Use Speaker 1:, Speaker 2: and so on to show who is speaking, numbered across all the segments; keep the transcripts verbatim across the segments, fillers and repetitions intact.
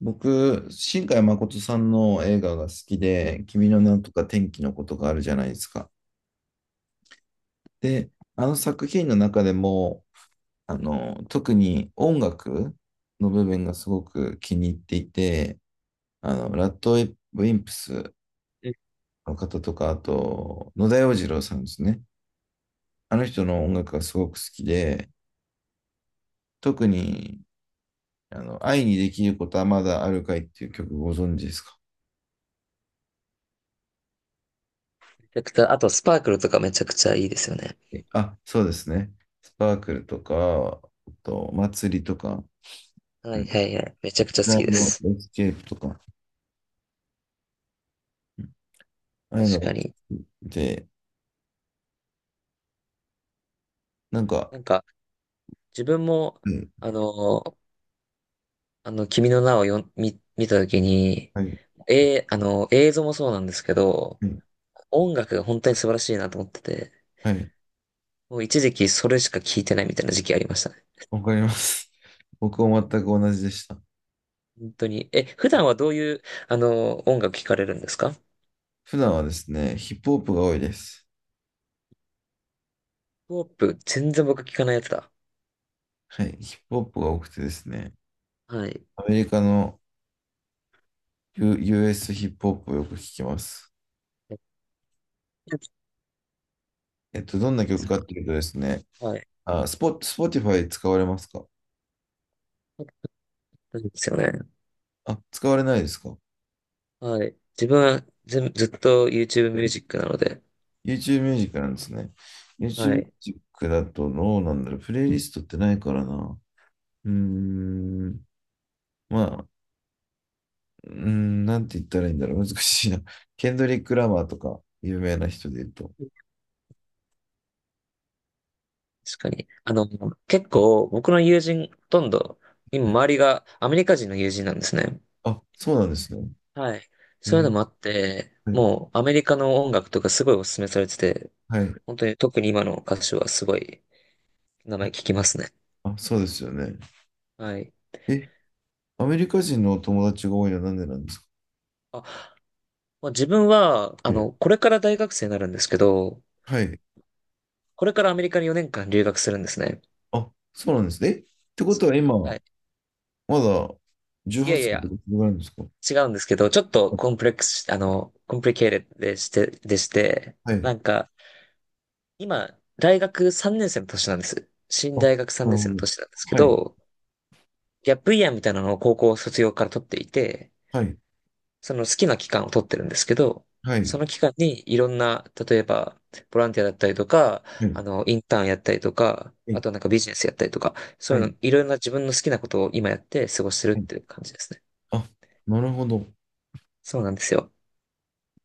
Speaker 1: 僕、新海誠さんの映画が好きで、君の名とか天気のことがあるじゃないですか。で、あの作品の中でも、あの、特に音楽の部分がすごく気に入っていて、あの、ラッドウィンプス
Speaker 2: め
Speaker 1: の方とか、あと、野田洋次郎さんですね。あの人の音楽がすごく好きで、特に、あの、愛にできることはまだあるかいっていう曲ご存知ですか？
Speaker 2: ちゃくちゃ、あとスパークルとかめちゃくちゃいいですよね。
Speaker 1: あ、そうですね。スパークルとか、あと、祭りとか、
Speaker 2: は
Speaker 1: う
Speaker 2: い
Speaker 1: ん、
Speaker 2: はいはい。めちゃくちゃ好
Speaker 1: ライ
Speaker 2: きで
Speaker 1: ブ
Speaker 2: す。
Speaker 1: エスケープとか、うん、ああいうの
Speaker 2: 確
Speaker 1: が
Speaker 2: か
Speaker 1: 好
Speaker 2: に。
Speaker 1: きで、なんか、
Speaker 2: なんか、自分も、
Speaker 1: うん、
Speaker 2: あの、あの、君の名をよん見、見たときに、
Speaker 1: はい、
Speaker 2: えー、あの、映像もそうなんですけど、
Speaker 1: うん、
Speaker 2: 音楽が本当に素晴らしいなと思ってて、
Speaker 1: はい、
Speaker 2: もう一時期それしか聴いてないみたいな時期ありましたね。
Speaker 1: わかります。僕も全く同じでした。
Speaker 2: 本当に。え、普段はどういう、あの、音楽聴かれるんですか？ヒッ
Speaker 1: 普段はですね、ヒップホップが多いです。
Speaker 2: プホップ、全然僕聴かないやつだ。
Speaker 1: はい、ヒップホップが多くてですね、
Speaker 2: はい。
Speaker 1: アメリカの、U、ユーエス ヒップホップをよく聞きます。
Speaker 2: えど
Speaker 1: えっと、どんな
Speaker 2: うで
Speaker 1: 曲
Speaker 2: す
Speaker 1: かっ
Speaker 2: か？
Speaker 1: ていうとですね、
Speaker 2: はい。
Speaker 1: あ、スポ、スポティファイ使われますか？
Speaker 2: そうですよね。
Speaker 1: あ、使われないですか？
Speaker 2: はい。自分はず、ずっと YouTube ミュージックなので、
Speaker 1: YouTube ミュージックなんですね。YouTube
Speaker 2: は
Speaker 1: ミュー
Speaker 2: い。
Speaker 1: ジックだとどうなんだろう。プレイリストってないからな。うーん。まあ、うーん、なんて言ったらいいんだろう。難しいな。ケンドリック・ラマーとか、有名な人で言うと。
Speaker 2: 確かに。あの、結構僕の友人、ほとんど、今
Speaker 1: はい、
Speaker 2: 周りがアメリカ人の友人なんですね。
Speaker 1: あ、そうなんですね。
Speaker 2: はい。
Speaker 1: え
Speaker 2: そういうの
Speaker 1: ー、
Speaker 2: もあって、
Speaker 1: はい。
Speaker 2: もうアメリカの音楽とかすごいお勧めされてて、
Speaker 1: はい、
Speaker 2: 本当に特に今の歌手はすごい名前聞きますね。
Speaker 1: あ、そうですよね。
Speaker 2: はい。
Speaker 1: え、アメリカ人のお友達が多いのはなんでなんですか？
Speaker 2: あ、まあ自分は、あ
Speaker 1: ね。
Speaker 2: の、これから大学生になるんですけど、
Speaker 1: はい。
Speaker 2: これからアメリカによねんかん留学するんですね。
Speaker 1: あ、そうなんですね。え、ってこ
Speaker 2: そ
Speaker 1: とは今、
Speaker 2: はい。
Speaker 1: まだ
Speaker 2: い
Speaker 1: 18
Speaker 2: やい
Speaker 1: 歳って
Speaker 2: や、
Speaker 1: ことかそれぐらいなんですか？
Speaker 2: 違うんですけど、ちょっと
Speaker 1: あ、
Speaker 2: コンプレックスし、あの、コンプリケーテッドでして、でして、
Speaker 1: はい。
Speaker 2: なんか、今、大学さんねん生の年なんです。新
Speaker 1: あ、
Speaker 2: 大学3
Speaker 1: なる
Speaker 2: 年生
Speaker 1: ほ
Speaker 2: の
Speaker 1: ど。
Speaker 2: 年なんですけ
Speaker 1: はい。
Speaker 2: ど、ギャップイヤーみたいなのを高校卒業から取っていて、
Speaker 1: はい、
Speaker 2: その好きな期間を取ってるんですけど、
Speaker 1: は
Speaker 2: そ
Speaker 1: い、
Speaker 2: の期間にいろんな、例えば、ボランティアだったりとか、
Speaker 1: は
Speaker 2: あ
Speaker 1: い、
Speaker 2: の、インターンやったりとか、
Speaker 1: は
Speaker 2: あ
Speaker 1: い、
Speaker 2: となんかビジネスやったりとか、そ
Speaker 1: は
Speaker 2: ういう
Speaker 1: い。
Speaker 2: の、いろんな自分の好きなことを今やって過ごしてるっ
Speaker 1: はい、
Speaker 2: ていう感じですね。
Speaker 1: あ、なるほど。
Speaker 2: そうなんですよ。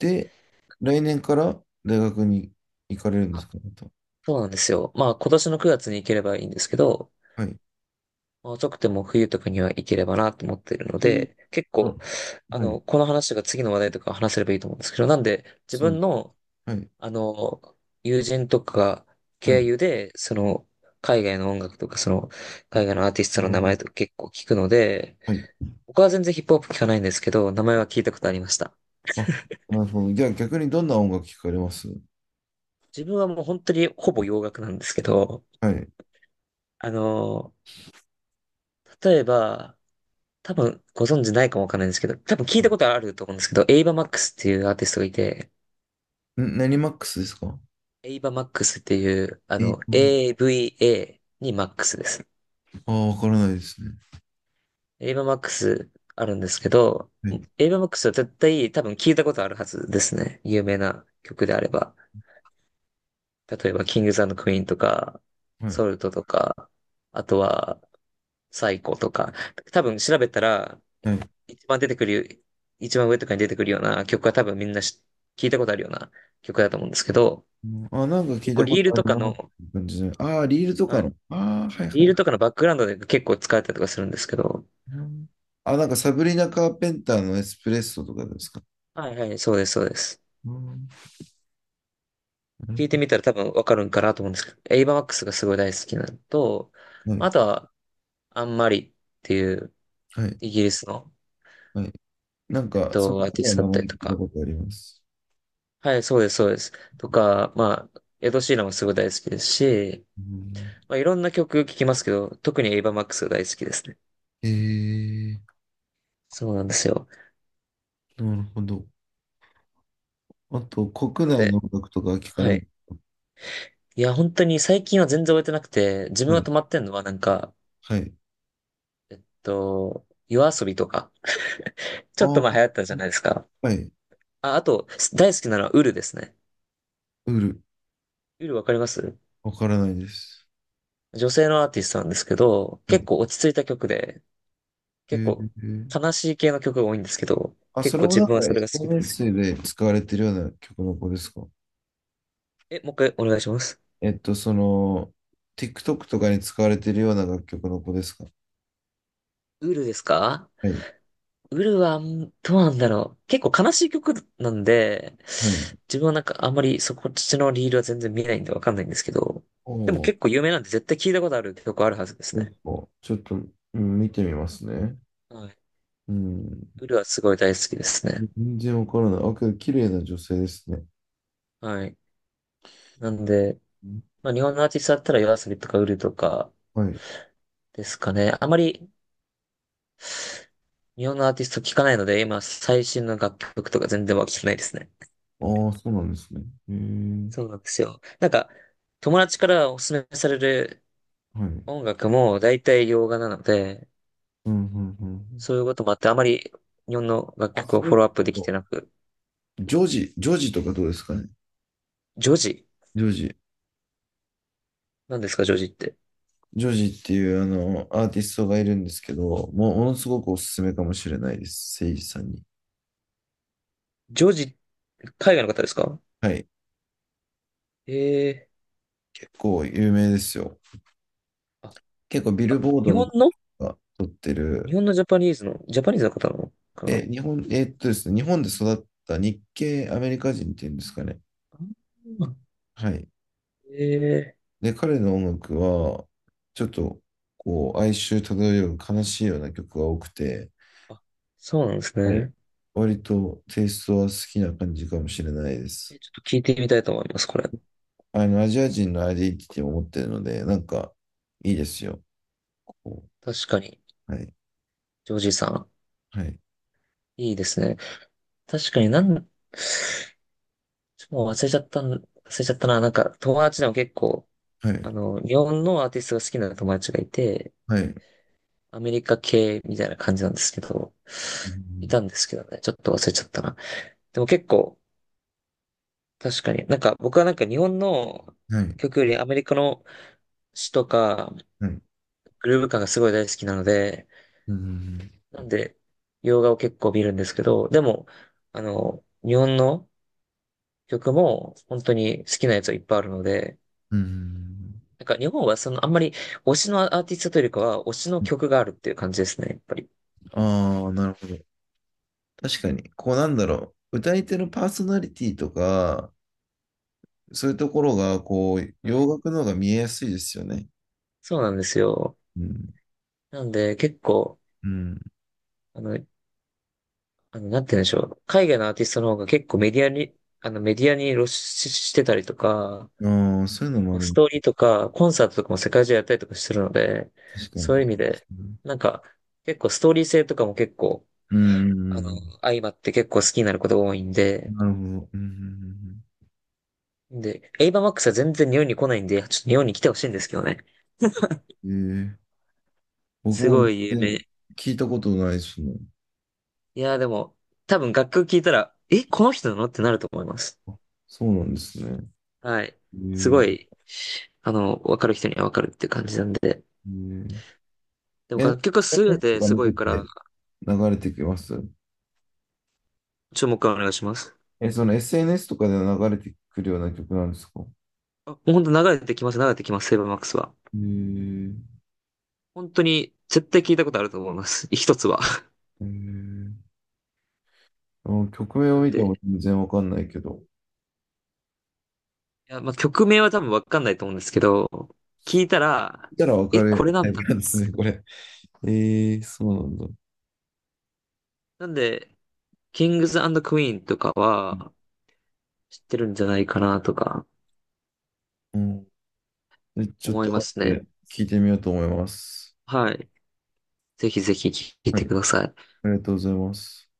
Speaker 1: で、来年から大学に行かれるんですか、また。
Speaker 2: そうなんですよ。まあ今年のくがつに行ければいいんですけど、
Speaker 1: はい。
Speaker 2: まあ、遅くても冬とかには行ければなと思っているの
Speaker 1: ちなみに、
Speaker 2: で、結
Speaker 1: あ、
Speaker 2: 構、あ
Speaker 1: はい、
Speaker 2: の、この話が次の話題とか話せればいいと思うんですけど、なんで自
Speaker 1: そうで
Speaker 2: 分
Speaker 1: す。
Speaker 2: の、
Speaker 1: はい、
Speaker 2: あの、友人とか
Speaker 1: は
Speaker 2: 経
Speaker 1: い。
Speaker 2: 由で、その、海外の音楽とか、その、
Speaker 1: あ、
Speaker 2: 海外のアーティスト
Speaker 1: な
Speaker 2: の
Speaker 1: る
Speaker 2: 名
Speaker 1: ほ
Speaker 2: 前
Speaker 1: ど。
Speaker 2: とか結構聞くので、
Speaker 1: はい。
Speaker 2: 僕は全然ヒップホップ聞かないんですけど、名前は聞いたことありました。
Speaker 1: あ、なるほど。じゃあ逆にどんな音楽聞かれます？
Speaker 2: 自分はもう本当にほぼ洋楽なんですけど、
Speaker 1: はい。
Speaker 2: あの、例えば、多分ご存知ないかもわかんないんですけど、多分聞いたことあると思うんですけど、エイバ・マックスっていうアーティストがいて、
Speaker 1: ん、何マックスですか？
Speaker 2: エイバ・マックスっていう、あ
Speaker 1: えっ
Speaker 2: の、
Speaker 1: と、
Speaker 2: エーブイエー にマックスです。
Speaker 1: ああ、わからないですね。
Speaker 2: エイバ・マックスあるんですけど、
Speaker 1: はい、
Speaker 2: エイバ・マックスは絶対多分聞いたことあるはずですね。有名な曲であれば。例えば、キングズクイーンとか、
Speaker 1: はい、
Speaker 2: ソルトとか、あとは、サイコとか、多分調べたら、
Speaker 1: はい。
Speaker 2: 一番出てくる、一番上とかに出てくるような曲は多分みんなし聞いたことあるような曲だと思うんですけど、
Speaker 1: あ、なんか聞
Speaker 2: 結
Speaker 1: い
Speaker 2: 構
Speaker 1: たこ
Speaker 2: リ
Speaker 1: と
Speaker 2: ール
Speaker 1: あ
Speaker 2: と
Speaker 1: る
Speaker 2: か
Speaker 1: なっ
Speaker 2: の、
Speaker 1: ていう感じで。ああ、リールとか
Speaker 2: あ、
Speaker 1: の。ああ、はい
Speaker 2: リ
Speaker 1: は
Speaker 2: ールと
Speaker 1: い、
Speaker 2: かのバックグラウンドで結構使われたりとかするんですけど、
Speaker 1: うん。あ、なんかサブリナ・カーペンターのエスプレッソとかですか。
Speaker 2: はいはい、そうです、そうです。
Speaker 1: うん。なる
Speaker 2: 聞い
Speaker 1: ほ
Speaker 2: て
Speaker 1: ど。
Speaker 2: みたら多分わかるんかなと思うんですけど、エイバーマックスがすごい大好きなのと、
Speaker 1: はい、
Speaker 2: あとは、アンマリっていう
Speaker 1: はい、
Speaker 2: イギリスの、
Speaker 1: はい。なん
Speaker 2: えっ
Speaker 1: か、そ
Speaker 2: と、
Speaker 1: の
Speaker 2: アーティ
Speaker 1: 方は
Speaker 2: ストだ
Speaker 1: 名
Speaker 2: ったり
Speaker 1: 前聞
Speaker 2: と
Speaker 1: いた
Speaker 2: か、
Speaker 1: ことあります。
Speaker 2: はい、そうです、そうです。とか、まあ、エド・シーランもすごい大好きですし、
Speaker 1: うん。
Speaker 2: まあ、いろんな曲聴きますけど、特にエイバーマックスが大好きですね。
Speaker 1: えー、
Speaker 2: そうなんですよ。
Speaker 1: なるほど。あと、国
Speaker 2: なの
Speaker 1: 内
Speaker 2: で、
Speaker 1: の音楽とかは聞か
Speaker 2: は
Speaker 1: ない。
Speaker 2: い。いや、本当に最近は全然終えてなくて、自分
Speaker 1: は
Speaker 2: が
Speaker 1: い、
Speaker 2: 止まってんのはなんか、え
Speaker 1: はい。
Speaker 2: っと、夜遊びとか、ちょっ
Speaker 1: あ
Speaker 2: と前流
Speaker 1: ー、
Speaker 2: 行ったじゃないですか。
Speaker 1: はい。
Speaker 2: あ、あと、大好きなのはウルですね。
Speaker 1: ウール、
Speaker 2: ウルわかります？
Speaker 1: わからないです。
Speaker 2: 女性のアーティストなんですけど、
Speaker 1: は
Speaker 2: 結
Speaker 1: い。
Speaker 2: 構落ち着いた曲で、
Speaker 1: え
Speaker 2: 結構
Speaker 1: ー、
Speaker 2: 悲しい系の曲が多いんですけど、
Speaker 1: あ、
Speaker 2: 結
Speaker 1: それ
Speaker 2: 構
Speaker 1: も
Speaker 2: 自
Speaker 1: なん
Speaker 2: 分は
Speaker 1: か
Speaker 2: それが好きなんです
Speaker 1: エスエヌエス で使われてるような曲の子ですか？
Speaker 2: よ。え、もう一回お願いします。
Speaker 1: えっと、その、ティックトック とかに使われてるような楽曲の子ですか？
Speaker 2: ウルですか？
Speaker 1: はい。
Speaker 2: ウルは、んどうなんだろう。結構悲しい曲なんで、
Speaker 1: はい。
Speaker 2: 自分はなんかあんまりそこっちのリールは全然見ないんでわかんないんですけど、
Speaker 1: お
Speaker 2: でも
Speaker 1: お、
Speaker 2: 結構有名なんで絶対聞いたことある曲あるはずです
Speaker 1: そうで
Speaker 2: ね。
Speaker 1: すか。ちょっと、うん、見てみますね。
Speaker 2: はい。
Speaker 1: うん。
Speaker 2: ウルはすごい大好きですね。
Speaker 1: 全然わからない。あ、けど、綺麗な女性ですね。
Speaker 2: はい。なんで、
Speaker 1: うん、
Speaker 2: まあ日本のアーティストだったらヨア a s とかウルとか
Speaker 1: はい。
Speaker 2: ですかね。あまり日本のアーティスト聞かないので、今最新の楽曲とか全然は聞けないですね。
Speaker 1: ああ、そうなんですね。へえ。
Speaker 2: そうなんですよ。なんか、友達からおすすめされる
Speaker 1: はい。
Speaker 2: 音楽も大体洋画なので、
Speaker 1: うん、うん、うん。
Speaker 2: そういうこともあって、あまり日本の楽
Speaker 1: あ、
Speaker 2: 曲
Speaker 1: そ
Speaker 2: をフ
Speaker 1: れ
Speaker 2: ォローアップできて
Speaker 1: と、
Speaker 2: なく。
Speaker 1: ジョージ、ジョージとかどうですかね。
Speaker 2: ジョジ
Speaker 1: ジョージ。
Speaker 2: 何ですか、ジョジって。
Speaker 1: ジョージっていう、あの、アーティストがいるんですけど、もう、ものすごくおすすめかもしれないです。セイジさんに。
Speaker 2: ジョジ、海外の方ですか？
Speaker 1: はい。
Speaker 2: ええ
Speaker 1: 結構有名ですよ。
Speaker 2: ー。あ、
Speaker 1: 結構ビル
Speaker 2: あ、
Speaker 1: ボード
Speaker 2: 日
Speaker 1: の
Speaker 2: 本の
Speaker 1: が撮って
Speaker 2: 日
Speaker 1: る。
Speaker 2: 本のジャパニーズの、ジャパニーズの方なのか
Speaker 1: え、日本、えーっとですね、日本で育った日系アメリカ人っていうんですかね。
Speaker 2: な？
Speaker 1: はい。
Speaker 2: ええ
Speaker 1: で、彼の音楽は、ちょっと、こう、哀愁漂う悲しいような曲が多くて、
Speaker 2: ー。あ、そうなんです
Speaker 1: はい。
Speaker 2: ね。
Speaker 1: 割とテイストは好きな感じかもしれないです。
Speaker 2: えちょっと聞いてみたいと思います、これ。
Speaker 1: あの、アジア人のアイデンティティを持ってるので、なんか、いいですよ。こ
Speaker 2: 確かに。
Speaker 1: う、はい。
Speaker 2: ジョージさん。
Speaker 1: はい。
Speaker 2: いいですね。確かになん、ちょっともう忘れちゃったん、忘れちゃったな。なんか、友達でも結構、
Speaker 1: はい。
Speaker 2: あの、日本のアーティストが好きな友達がいて、
Speaker 1: はい。
Speaker 2: アメリカ系みたいな感じなんですけど、
Speaker 1: う
Speaker 2: い
Speaker 1: ん、
Speaker 2: たんですけどね、ちょっと忘れちゃったな。でも結構、確かに、なんか僕はなんか日本の
Speaker 1: はい。
Speaker 2: 曲よりアメリカの詩とか、
Speaker 1: はい。
Speaker 2: グルーヴ感がすごい大好きなので、
Speaker 1: うん。
Speaker 2: なんで、洋画を結構見るんですけど、でも、あの、日本の曲も本当に好きなやつはいっぱいあるので、
Speaker 1: うん。
Speaker 2: なんか日本はそのあんまり推しのアーティストというよりかは推しの曲があるっていう感じですね、やっぱり。
Speaker 1: ああ、なるほど。確かに、こうなんだろう、歌い手のパーソナリティとか、そういうところが、こう、
Speaker 2: は
Speaker 1: 洋
Speaker 2: い。
Speaker 1: 楽の方が見えやすいですよね。
Speaker 2: そうなんですよ。
Speaker 1: うん。
Speaker 2: なんで結構、あの、あの、なんて言うんでしょう。海外のアーティストの方が結構メディアに、あの、メディアに露出してたりとか、
Speaker 1: うん。ああ、そういうの
Speaker 2: 結
Speaker 1: もあ
Speaker 2: 構ス
Speaker 1: る。
Speaker 2: トーリーとか、コンサートとかも世界中やったりとかしてるので、
Speaker 1: 確かに。
Speaker 2: そういう意
Speaker 1: そ
Speaker 2: 味
Speaker 1: うです
Speaker 2: で、
Speaker 1: ね。
Speaker 2: なんか、結構ストーリー性とかも結構、
Speaker 1: うん。
Speaker 2: あ
Speaker 1: う
Speaker 2: の、
Speaker 1: ん、
Speaker 2: 相まって結構好きになることが多いんで、
Speaker 1: なるほど。うん。
Speaker 2: で、エイバーマックスは全然日本に来ないんで、ちょっと日本に来てほしいんですけどね。
Speaker 1: うんうん、ええー、僕
Speaker 2: す
Speaker 1: も
Speaker 2: ご
Speaker 1: 全
Speaker 2: い有名。い
Speaker 1: 然聞いたことないですね。
Speaker 2: やーでも、多分楽曲聴いたら、え、この人なのってなると思います。
Speaker 1: あ、そうなんですね。
Speaker 2: はい。す
Speaker 1: え、え
Speaker 2: ごい、あの、わかる人にはわかるって感じなんで。
Speaker 1: えー、
Speaker 2: でも
Speaker 1: え、なんか
Speaker 2: 楽曲は優れ
Speaker 1: エスエヌエス と
Speaker 2: て
Speaker 1: か
Speaker 2: す
Speaker 1: 見
Speaker 2: ご
Speaker 1: て
Speaker 2: いから、
Speaker 1: て流れてきます？
Speaker 2: 注目はお願いします。
Speaker 1: え、その エスエヌエス とかで流れてくるような曲なんですか？
Speaker 2: あ、もう本当流れてきます、流れてきます、セイバーマックスは。
Speaker 1: ええ
Speaker 2: 本当に絶対聞いたことあると思います。一つは。
Speaker 1: えー、あ、曲名
Speaker 2: な
Speaker 1: を
Speaker 2: ん
Speaker 1: 見て
Speaker 2: で、
Speaker 1: も全然わかんないけど、
Speaker 2: いや、まあ、曲名は多分わかんないと思うんですけど、聞いたら、
Speaker 1: 見たらわか
Speaker 2: え、これ
Speaker 1: る
Speaker 2: な
Speaker 1: タイ
Speaker 2: んだ。
Speaker 1: プなんですね、これ。えー、そうなんだ。
Speaker 2: なんで、キングズクイーンとかは知ってるんじゃないかなとか
Speaker 1: うん。でちょっ
Speaker 2: 思
Speaker 1: と
Speaker 2: いま
Speaker 1: 後
Speaker 2: す
Speaker 1: で
Speaker 2: ね。
Speaker 1: 聞いてみようと思います。
Speaker 2: はい。ぜひぜひ聞い
Speaker 1: は
Speaker 2: て
Speaker 1: い、
Speaker 2: ください。
Speaker 1: ありがとうございます。